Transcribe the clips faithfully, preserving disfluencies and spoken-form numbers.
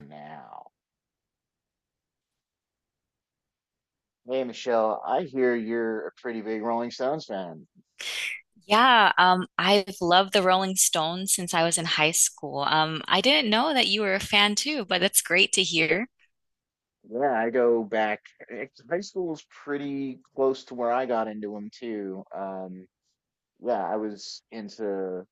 Now, hey Michelle, I hear you're a pretty big Rolling Stones fan. Yeah, um, I've loved the Rolling Stones since I was in high school. Um, I didn't know that you were a fan too, but that's great to hear. Yeah, I go back. eh, High school was pretty close to where I got into them too. Um, yeah, I was into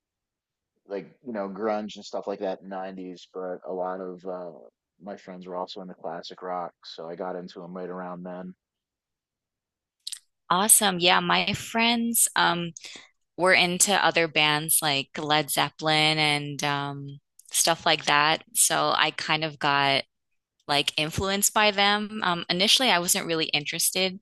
like you know grunge and stuff like that in the nineties, but a lot of uh, my friends were also into classic rock, so I got into them right around then. Awesome. Yeah, my friends um, were into other bands like Led Zeppelin and um, stuff like that. So I kind of got like influenced by them. Um, initially, I wasn't really interested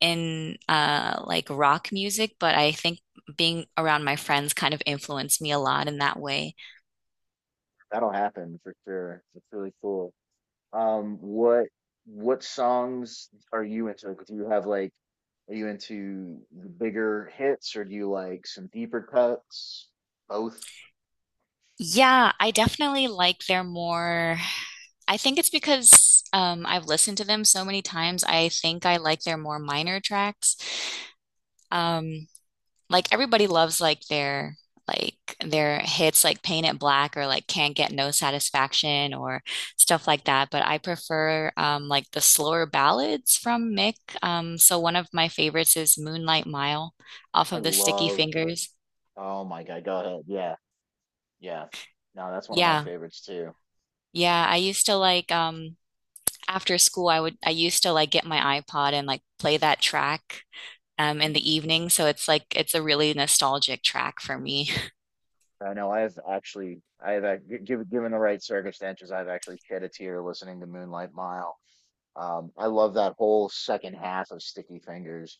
in uh, like rock music, but I think being around my friends kind of influenced me a lot in that way. That'll happen for sure. It's really cool. Um, what what songs are you into? Like, do you have like, are you into the bigger hits or do you like some deeper cuts? Both. Yeah, I definitely like their more. I think it's because um, I've listened to them so many times. I think I like their more minor tracks. Um, like everybody loves like their like their hits like Paint It Black or like Can't Get No Satisfaction or stuff like that. But I prefer um, like the slower ballads from Mick. Um, so one of my favorites is Moonlight Mile off I of the Sticky love. Fingers. Oh my God, go ahead. Yeah, yeah. No, that's one of my Yeah, favorites too. yeah. I used to like um after school, I would I used to like get my iPod and like play that track um in Mhm. the evening. So it's like it's a really nostalgic track for me. I know I have actually, I have ac- gi- given given the right circumstances, I've actually shed a tear listening to Moonlight Mile. Um, I love that whole second half of Sticky Fingers.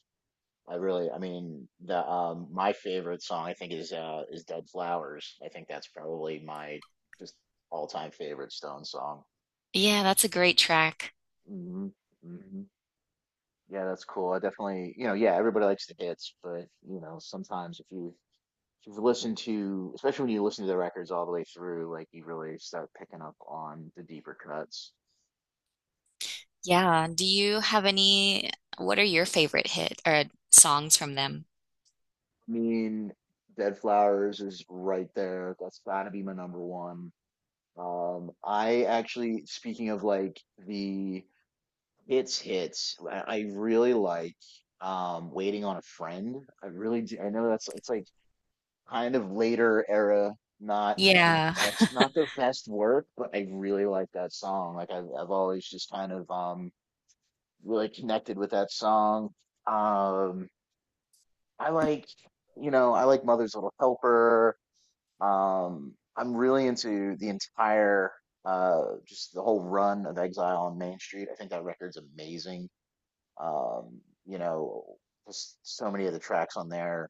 I really, I mean, the um my favorite song I think is uh is Dead Flowers. I think that's probably my just all-time favorite Stone song. Yeah, that's a great track. hmm hmm Yeah, that's cool. I definitely, you know, yeah, everybody likes the hits, but you know, sometimes if you if you've listened to, especially when you listen to the records all the way through, like you really start picking up on the deeper cuts. Yeah. Do you have any, what are your favorite hit or songs from them? I mean, Dead Flowers is right there. That's gotta be my number one. Um, I actually, speaking of like the hits hits, I I really like um Waiting on a Friend. I really do. I know that's it's like kind of later era, not their Yeah. best, not their best work, but I really like that song. Like I've I've always just kind of um really connected with that song. Um, I like, you know, I like Mother's Little Helper. Um, I'm really into the entire, uh, just the whole run of Exile on Main Street. I think that record's amazing. Um, you know, just so many of the tracks on there.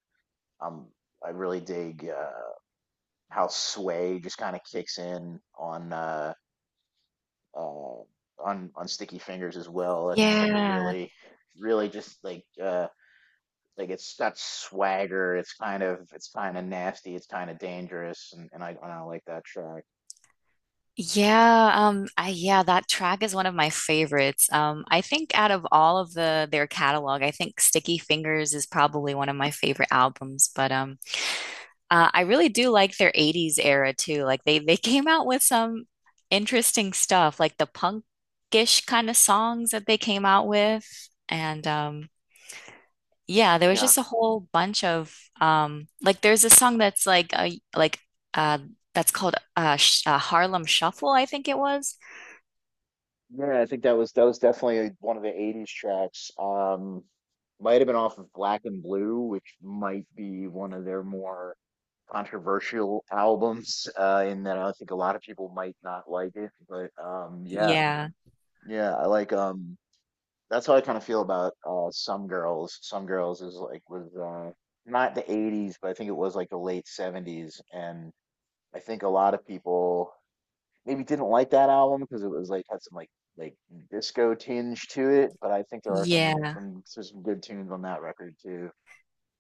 Um, I really dig uh, how Sway just kind of kicks in on uh, uh, on on Sticky Fingers as well. That's just like a Yeah. really, really just like uh, like it's got swagger. It's kind of it's kind of nasty. It's kind of dangerous, and, and I, and I like that track. Yeah, um I yeah, that track is one of my favorites. Um I think out of all of the their catalog, I think Sticky Fingers is probably one of my favorite albums, but um Uh, I really do like their eighties era too. Like they they came out with some interesting stuff, like the punkish kind of songs that they came out with. And um yeah, there was Yeah. just a whole bunch of um like there's a song that's like uh, like uh that's called uh, Sh uh Harlem Shuffle, I think it was. Yeah, I think that was that was definitely one of the eighties tracks. Um, might have been off of Black and Blue, which might be one of their more controversial albums, uh, in that I think a lot of people might not like it. But um, yeah, Yeah. yeah, I like um, that's how I kind of feel about uh, Some Girls. Some Girls is like was uh, not the eighties, but I think it was like the late seventies, and I think a lot of people maybe didn't like that album because it was like had some like like disco tinge to it, but I think there are some Yeah. some there's some good tunes on that record too.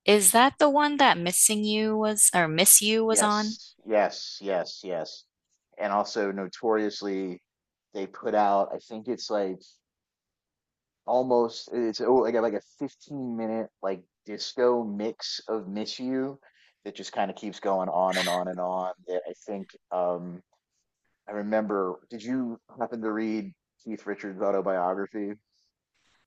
Is that the one that Missing You was or Miss You was on? Yes, yes, yes, yes. And also notoriously they put out I think it's like almost it's oh like a- like a fifteen minute like disco mix of Miss You that just kind of keeps going on and on and on that I think um I remember, did you happen to read Keith Richards' autobiography?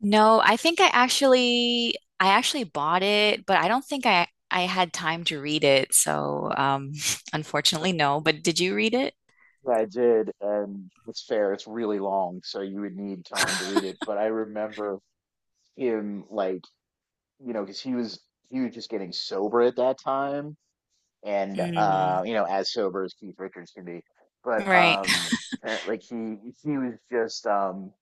No, I think I actually I actually bought it, but I don't think I I had time to read it. So, um, unfortunately, no. But did you read it? Yeah, I did, and it's fair, it's really long, so you would need time to read it. But I remember him like, you know, because he was he was just getting sober at that time, and uh, Mm, you know, as sober as Keith Richards can be. But right. um apparently like he he was just um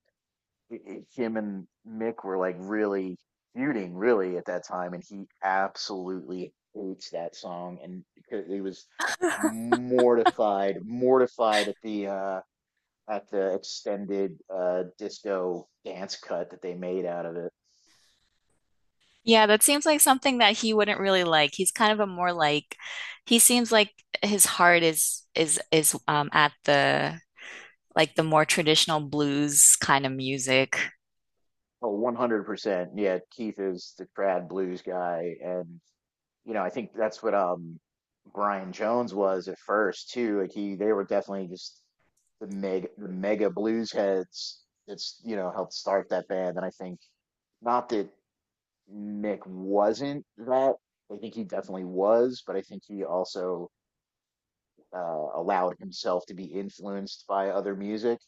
I- I- him and Mick were like really feuding really at that time, and he absolutely hates that song, and because he was mortified, mortified at the uh at the extended uh disco dance cut that they made out of it. Yeah, that seems like something that he wouldn't really like. He's kind of a more like he seems like his heart is is is um at the like the more traditional blues kind of music. Oh, one hundred percent. Yeah, Keith is the trad blues guy, and you know, I think that's what um Brian Jones was at first too. Like he they were definitely just the mega the mega blues heads that's, you know, helped start that band, and I think not that Mick wasn't that. I think he definitely was, but I think he also uh allowed himself to be influenced by other music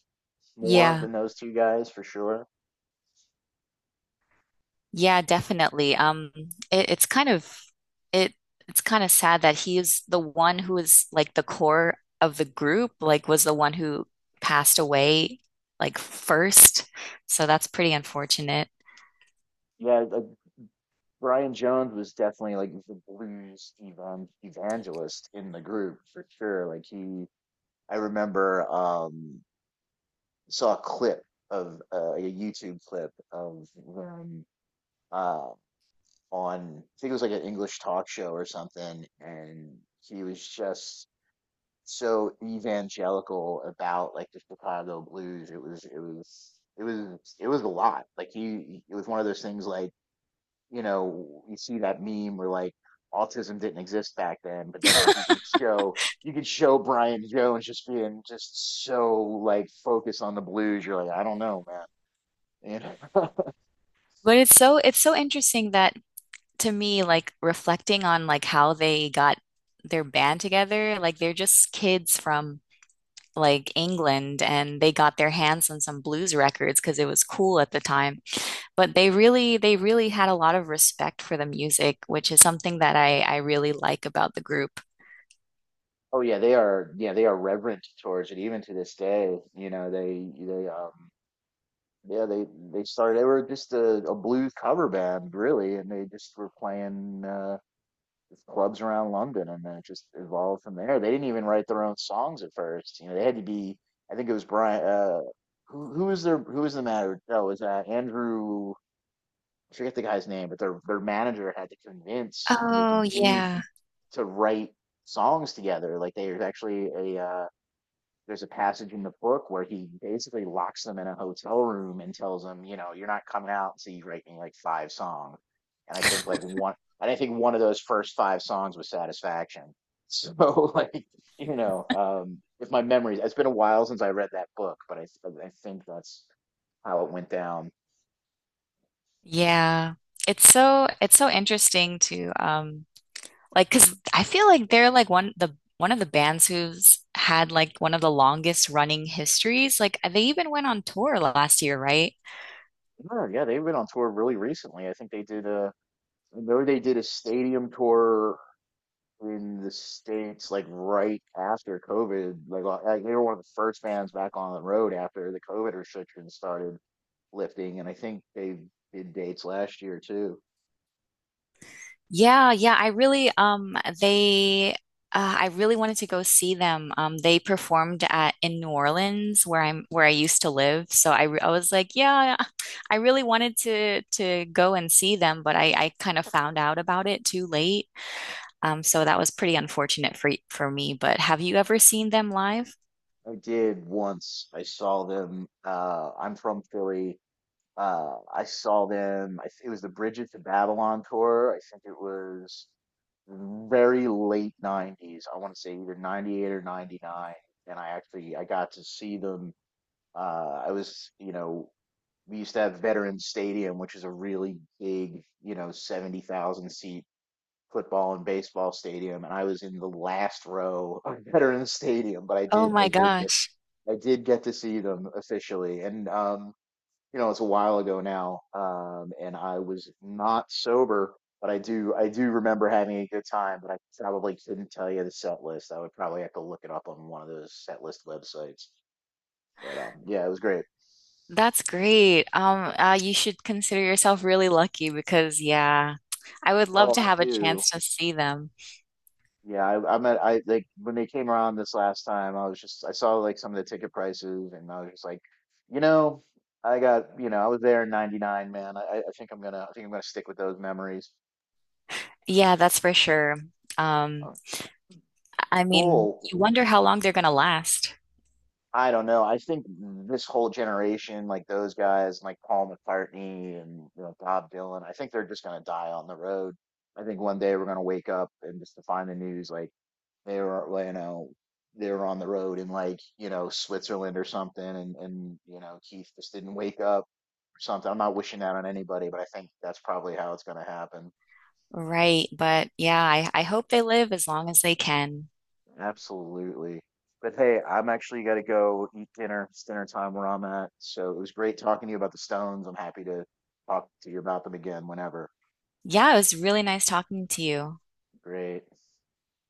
more Yeah. than those two guys for sure. Yeah, definitely. Um, it, it's kind of it it's kind of sad that he is the one who is like the core of the group, like was the one who passed away like first. So that's pretty unfortunate. Yeah, like Brian Jones was definitely like the blues evan- evangelist in the group for sure. Like he, I remember um saw a clip of uh, like, a YouTube clip of them uh on I think it was like an English talk show or something, and he was just so evangelical about like the Chicago blues. It was it was it was it was a lot. Like he, it was one of those things like you know, you see that meme where like autism didn't exist back then, but then like you can show you can show Brian Jones just being just so like focused on the blues. You're like, I don't know, man. You know? But it's so it's so interesting that to me, like reflecting on like how they got their band together, like they're just kids from like England and they got their hands on some blues records because it was cool at the time. But they really they really had a lot of respect for the music, which is something that I I really like about the group. Oh yeah, they are, yeah, they are reverent towards it even to this day. You know, they they um yeah, they they started. They were just a, a blues cover band really, and they just were playing uh just clubs around London, and then it just evolved from there. They didn't even write their own songs at first. You know, they had to be. I think it was Brian. Uh, who who was their who was the manager? No, it was uh, Andrew. I forget the guy's name, but their their manager had to convince Mick Oh and Keith yeah. to write songs together. Like they were actually a uh, there's a passage in the book where he basically locks them in a hotel room and tells them, you know, you're not coming out until you write me like five songs. And I think like one, and I think one of those first five songs was Satisfaction. So like, you know, um, if my memory, it's been a while since I read that book, but I I think that's how it went down. Yeah. It's so it's so interesting to um like 'cause I feel like they're like one the one of the bands who's had like one of the longest running histories. Like they even went on tour last year, right? Oh, yeah, they've been on tour really recently. I think they did a, I know they did a stadium tour in the States, like, right after COVID, like, uh, like, they were one of the first bands back on the road after the COVID restrictions started lifting, and I think they did dates last year too. Yeah, yeah, I really um they uh, I really wanted to go see them. Um they performed at in New Orleans where I'm where I used to live. So I re- I was like, yeah, I really wanted to to go and see them, but I I kind of found out about it too late. Um so that was pretty unfortunate for y- for me, but have you ever seen them live? I did once. I saw them. Uh, I'm from Philly. Uh, I saw them. I, th- it was the Bridget to Babylon tour. I think it was very late nineties. I want to say either ninety-eight or ninety-nine. And I actually I got to see them. Uh, I was, you know, we used to have Veterans Stadium, which is a really big, you know, seventy thousand seat football and baseball stadium. And I was in the last row of Veterans Stadium, but I Oh did, I my did get, gosh. I did get to see them officially. And, um, you know, it's a while ago now. Um, and I was not sober, but I do, I do remember having a good time, but I probably couldn't tell you the set list. I would probably have to look it up on one of those set list websites. But, um, yeah, it was great. That's great. Um uh you should consider yourself really lucky because yeah, I would love Oh, to I have a do. chance to see them. Yeah, I, I'm at, I like when they came around this last time, I was just, I saw like some of the ticket prices and I was just like, you know, I got, you know, I was there in ninety-nine, man. I, I I think I'm gonna, I think I'm gonna stick with those memories. Yeah, that's for sure. Um, Oh, I mean, cool. you wonder how long they're gonna last, I don't know. I think this whole generation, like those guys, like Paul McCartney and you know, Bob Dylan, I think they're just gonna die on the road. I think one day we're gonna wake up and just to find the news, like, they were well, you know they were on the road in like you know Switzerland or something, and and you know Keith just didn't wake up or something. I'm not wishing that on anybody, but I think that's probably how it's going to happen. right? But yeah, I, I hope they live as long as they can. Absolutely. But hey, I'm actually got to go eat dinner. It's dinner time where I'm at. So it was great talking to you about the Stones. I'm happy to talk to you about them again whenever. Yeah, it was really nice talking to you. Great.